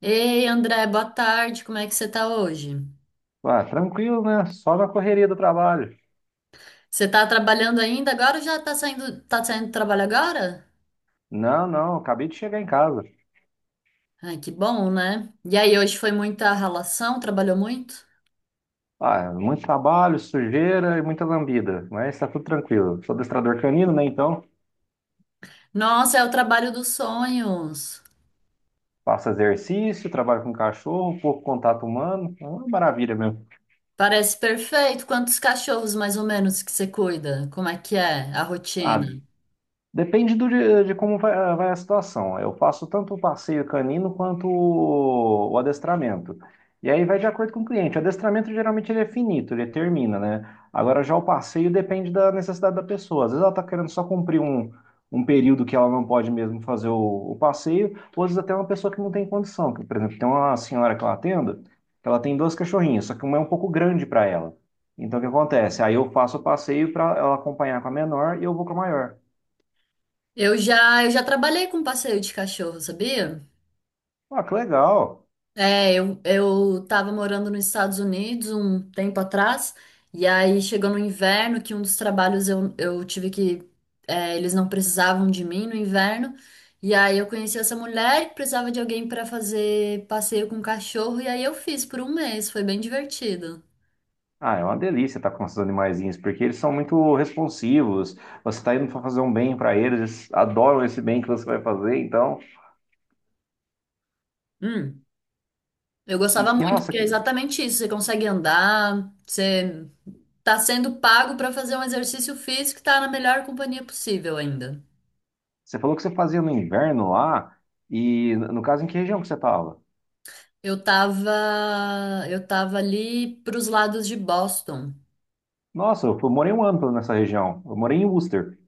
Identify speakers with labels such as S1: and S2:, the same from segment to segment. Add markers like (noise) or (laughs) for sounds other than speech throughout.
S1: Ei, André, boa tarde. Como é que você tá hoje?
S2: Ah, tranquilo, né? Só na correria do trabalho.
S1: Você tá trabalhando ainda agora ou já tá saindo, do trabalho agora?
S2: Não, não, acabei de chegar em casa.
S1: Ai, que bom, né? E aí, hoje foi muita ralação? Trabalhou muito?
S2: Ah, muito trabalho, sujeira e muita lambida, mas tá tudo tranquilo. Sou adestrador canino, né? Então,
S1: Nossa, é o trabalho dos sonhos.
S2: faço exercício, trabalho com cachorro, pouco contato humano. É uma maravilha mesmo.
S1: Parece perfeito. Quantos cachorros mais ou menos que você cuida? Como é que é a
S2: Ah,
S1: rotina?
S2: depende de como vai a situação. Eu faço tanto o passeio canino quanto o adestramento. E aí vai de acordo com o cliente. O adestramento geralmente ele é finito, ele termina, né? Agora já o passeio depende da necessidade da pessoa. Às vezes ela está querendo só cumprir um período que ela não pode mesmo fazer o passeio, ou às vezes até uma pessoa que não tem condição. Que, por exemplo, tem uma senhora que ela atendo, que ela tem dois cachorrinhos, só que uma é um pouco grande para ela. Então o que acontece? Aí eu faço o passeio para ela acompanhar com a menor e eu vou com a maior.
S1: Eu já trabalhei com passeio de cachorro, sabia?
S2: Ah, que legal.
S1: É, eu tava morando nos Estados Unidos um tempo atrás, e aí chegou no inverno que um dos trabalhos eu tive que. É, eles não precisavam de mim no inverno, e aí eu conheci essa mulher que precisava de alguém para fazer passeio com cachorro, e aí eu fiz por um mês, foi bem divertido.
S2: Ah, é uma delícia estar com esses animaizinhos, porque eles são muito responsivos. Você está indo para fazer um bem para eles, eles adoram esse bem que você vai fazer, então.
S1: Hum, eu
S2: E
S1: gostava
S2: que
S1: muito,
S2: raça
S1: porque é
S2: que...
S1: exatamente isso: você consegue andar, você tá sendo pago para fazer um exercício físico e tá na melhor companhia possível ainda.
S2: Você falou que você fazia no inverno lá, e no caso, em que região que você estava?
S1: Eu tava ali pros lados de Boston.
S2: Nossa, eu morei um ano nessa região. Eu morei em Worcester.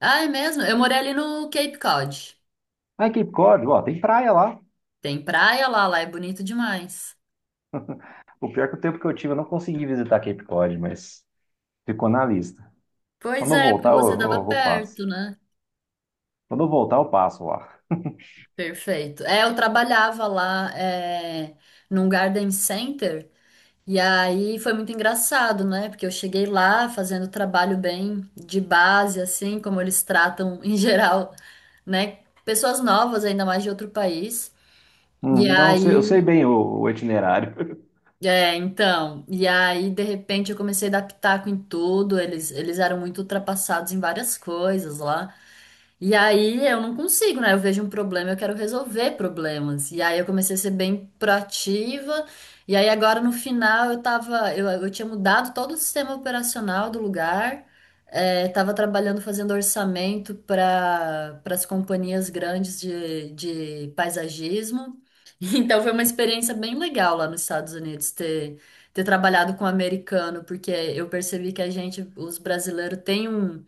S1: Ah, é mesmo? Eu morei ali no Cape Cod.
S2: Ah, em Cape Cod, ó, tem praia lá.
S1: Tem praia lá, lá é bonito demais.
S2: O pior é que o tempo que eu tive, eu não consegui visitar Cape Cod, mas ficou na lista.
S1: Pois
S2: Quando eu
S1: é, porque
S2: voltar, eu,
S1: você tava
S2: eu, eu passo.
S1: perto, né?
S2: Quando eu voltar, eu passo lá.
S1: Perfeito. É, eu trabalhava lá, é, num garden center e aí foi muito engraçado, né? Porque eu cheguei lá fazendo trabalho bem de base, assim, como eles tratam em (laughs) geral, né? Pessoas novas, ainda mais de outro país. E
S2: Não, eu
S1: aí
S2: sei bem o itinerário. (laughs)
S1: é, então, e aí de repente eu comecei a dar pitaco em tudo, eles eram muito ultrapassados em várias coisas lá. E aí eu não consigo, né? Eu vejo um problema, eu quero resolver problemas. E aí eu comecei a ser bem proativa. E aí agora no final eu tinha mudado todo o sistema operacional do lugar. É, tava trabalhando fazendo orçamento para as companhias grandes de paisagismo. Então foi uma experiência bem legal lá nos Estados Unidos ter trabalhado com americano, porque eu percebi que a gente, os brasileiros, tem um-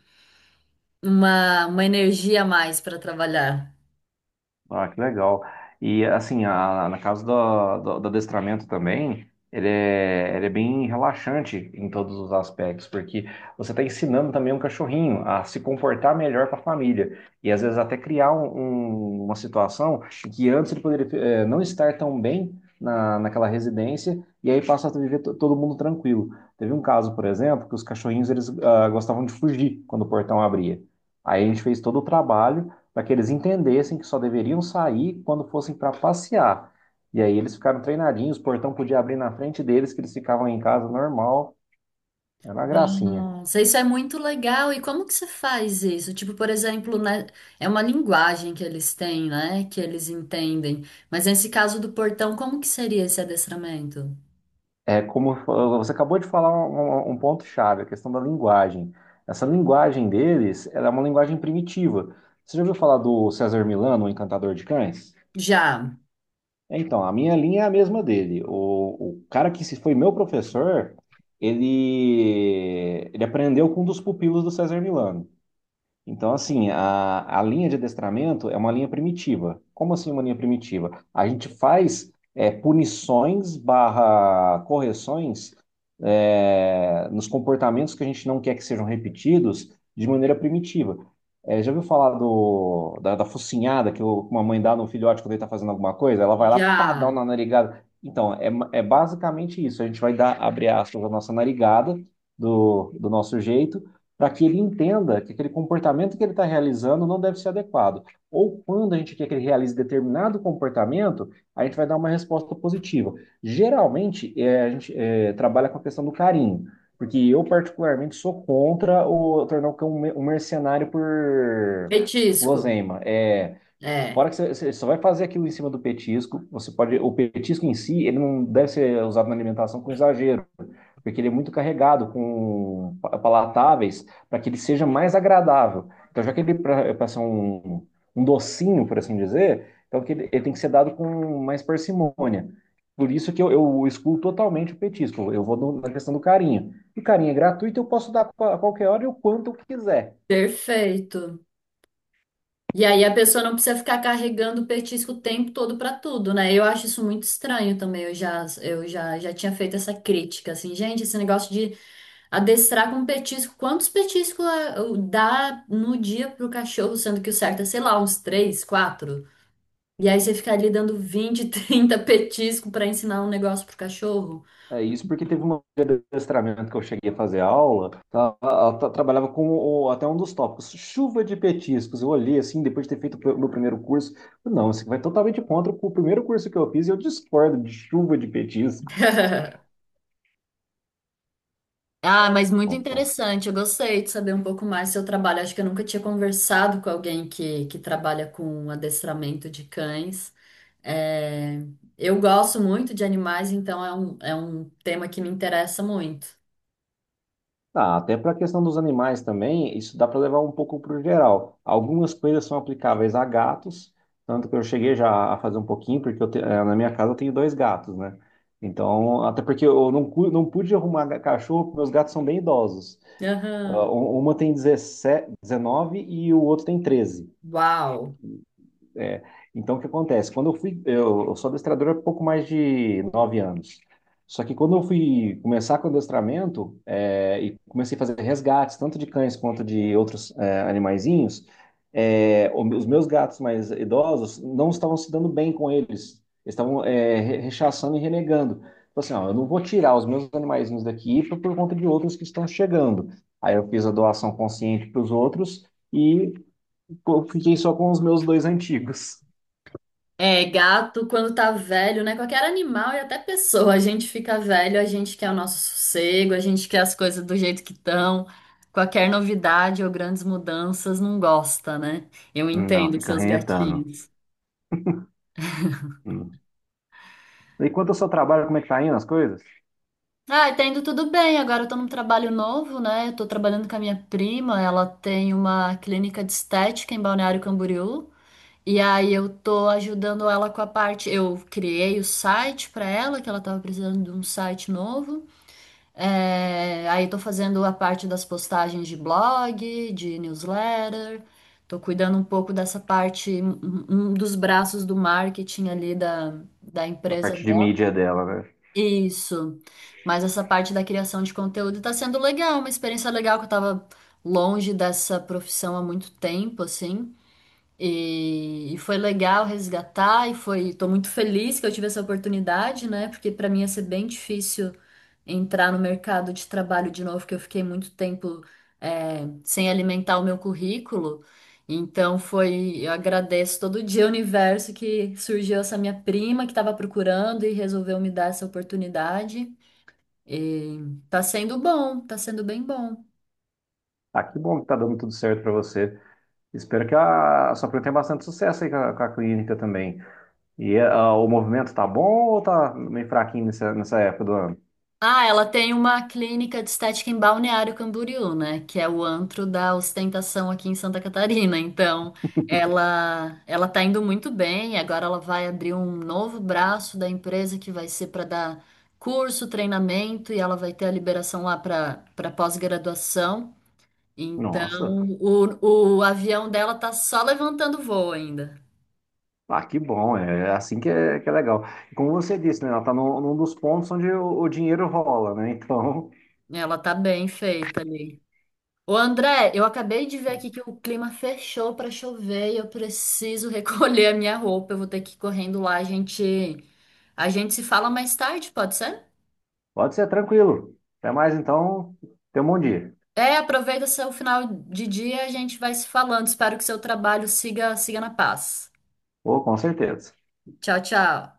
S1: uma energia a mais para trabalhar.
S2: Ah, que legal. E assim, na casa do adestramento também, ele é bem relaxante em todos os aspectos, porque você está ensinando também um cachorrinho a se comportar melhor para a família. E às vezes até criar uma situação que antes ele poderia não estar tão bem naquela residência, e aí passa a viver todo mundo tranquilo. Teve um caso, por exemplo, que os cachorrinhos eles gostavam de fugir quando o portão abria. Aí a gente fez todo o trabalho para que eles entendessem que só deveriam sair quando fossem para passear. E aí eles ficaram treinadinhos, o portão podia abrir na frente deles, que eles ficavam em casa normal, era uma gracinha.
S1: Nossa, isso é muito legal. E como que você faz isso? Tipo, por exemplo, né, é uma linguagem que eles têm, né? Que eles entendem. Mas nesse caso do portão, como que seria esse adestramento?
S2: É como você acabou de falar um ponto chave, a questão da linguagem. Essa linguagem deles, ela é uma linguagem primitiva. Você já ouviu falar do César Milano, o Encantador de Cães?
S1: Já,
S2: Então, a minha linha é a mesma dele. O cara que se foi meu professor, ele aprendeu com um dos pupilos do César Milano. Então, assim, a linha de adestramento é uma linha primitiva. Como assim uma linha primitiva? A gente faz punições barra correções nos comportamentos que a gente não quer que sejam repetidos de maneira primitiva. Já ouviu falar da focinhada que uma mãe dá no filhote quando ele está fazendo alguma coisa? Ela vai lá, pá, dá
S1: já.
S2: uma narigada. Então, é basicamente isso. A gente vai dar, abre aspas, a nossa narigada do nosso jeito para que ele entenda que aquele comportamento que ele está realizando não deve ser adequado. Ou quando a gente quer que ele realize determinado comportamento, a gente vai dar uma resposta positiva. Geralmente, a gente trabalha com a questão do carinho, porque eu, particularmente, sou contra o tornar o cão um mercenário por
S1: Petisco.
S2: guloseima. A
S1: É,
S2: hora que você, você só vai fazer aquilo em cima do petisco, você pode. O petisco em si, ele não deve ser usado na alimentação com exagero, porque ele é muito carregado com palatáveis para que ele seja mais agradável. Então, já que ele é para ser um docinho, por assim dizer, então que ele tem que ser dado com mais parcimônia. Por isso que eu excluo totalmente o petisco. Eu vou na questão do carinho. E carinho é gratuito, eu posso dar a qualquer hora e o quanto eu quiser.
S1: perfeito. E aí a pessoa não precisa ficar carregando o petisco o tempo todo pra tudo, né? Eu acho isso muito estranho também. Eu já tinha feito essa crítica, assim, gente, esse negócio de adestrar com petisco, quantos petiscos eu- dá no dia pro cachorro, sendo que o certo é, sei lá, uns três, quatro. E aí você fica ali dando 20, (laughs) 30 petisco pra ensinar um negócio pro cachorro.
S2: É isso porque teve uma de adestramento que eu cheguei a fazer aula, ela trabalhava com até um dos tópicos, chuva de petiscos. Eu olhei assim, depois de ter feito o meu primeiro curso, falei, não, isso vai totalmente contra o primeiro curso que eu fiz e eu discordo de chuva de petiscos.
S1: (laughs) Ah, mas muito
S2: Então,
S1: interessante. Eu gostei de saber um pouco mais do seu trabalho. Acho que eu nunca tinha conversado com alguém que trabalha com adestramento de cães. É, eu gosto muito de animais, então é é um tema que me interessa muito.
S2: ah, até para a questão dos animais também, isso dá para levar um pouco para o geral. Algumas coisas são aplicáveis a gatos, tanto que eu cheguei já a fazer um pouquinho, porque eu na minha casa eu tenho dois gatos, né? Então, até porque eu não, não pude arrumar cachorro, porque meus gatos são bem idosos. Ah,
S1: Aham.
S2: uma tem 17 19 e o outro tem 13.
S1: Uau!
S2: É, então, o que acontece? Quando eu fui, eu sou adestrador há pouco mais de 9 anos. Só que quando eu fui começar com adestramento, é, e comecei a fazer resgates, tanto de cães quanto de outros animaizinhos, é, os meus gatos mais idosos não estavam se dando bem com eles. Eles estavam rechaçando e renegando. Então, assim, ó, eu não vou tirar os meus animaizinhos daqui por conta de outros que estão chegando. Aí eu fiz a doação consciente para os outros e pô, fiquei só com os meus dois antigos.
S1: É, gato, quando tá velho, né? Qualquer animal e até pessoa, a gente fica velho, a gente quer o nosso sossego, a gente quer as coisas do jeito que estão. Qualquer novidade ou grandes mudanças não gosta, né? Eu
S2: Não,
S1: entendo
S2: fica
S1: seus
S2: rentando.
S1: gatinhos.
S2: Hum. Enquanto eu seu trabalho, como é que tá indo as coisas?
S1: Ah, tá indo tudo bem. Agora eu tô num trabalho novo, né? Eu tô trabalhando com a minha prima, ela tem uma clínica de estética em Balneário Camboriú. E aí eu tô ajudando ela com a parte. Eu criei o site pra ela, que ela tava precisando de um site novo. É, aí tô fazendo a parte das postagens de blog, de newsletter, tô cuidando um pouco dessa parte, um dos braços do marketing ali da, da
S2: A
S1: empresa
S2: parte de
S1: dela.
S2: mídia dela, velho.
S1: Isso. Mas essa parte da criação de conteúdo tá sendo legal, uma experiência legal que eu tava longe dessa profissão há muito tempo, assim. E foi legal resgatar e foi, tô muito feliz que eu tive essa oportunidade, né? Porque para mim ia ser bem difícil entrar no mercado de trabalho de novo, que eu fiquei muito tempo é, sem alimentar o meu currículo. Então foi, eu agradeço todo dia o universo que surgiu essa minha prima que estava procurando e resolveu me dar essa oportunidade. E tá sendo bom, tá sendo bem bom.
S2: Ah, que bom que tá dando tudo certo pra você. Espero que a sua prima tenha bastante sucesso aí com a clínica também. E o movimento tá bom ou tá meio fraquinho nessa época do ano?
S1: Ah, ela tem uma clínica de estética em Balneário Camboriú, né? Que é o antro da ostentação aqui em Santa Catarina. Então, ela tá indo muito bem. Agora ela vai abrir um novo braço da empresa que vai ser para dar curso, treinamento e ela vai ter a liberação lá para pós-graduação. Então,
S2: Nossa,
S1: o avião dela tá só levantando voo ainda.
S2: ah, que bom, é assim que é legal. E como você disse, né, ela tá num dos pontos onde o dinheiro rola, né? (laughs) Então,
S1: Ela tá bem feita ali. Ô André, eu acabei de ver aqui que o clima fechou pra chover e eu preciso (laughs) recolher a minha roupa. Eu vou ter que ir correndo lá. A gente se fala mais tarde, pode ser?
S2: pode ser tranquilo. Até mais então, tenha um bom dia.
S1: É, aproveita seu final de dia, a gente vai se falando. Espero que seu trabalho siga, siga na paz.
S2: Ou com certeza.
S1: Tchau, tchau.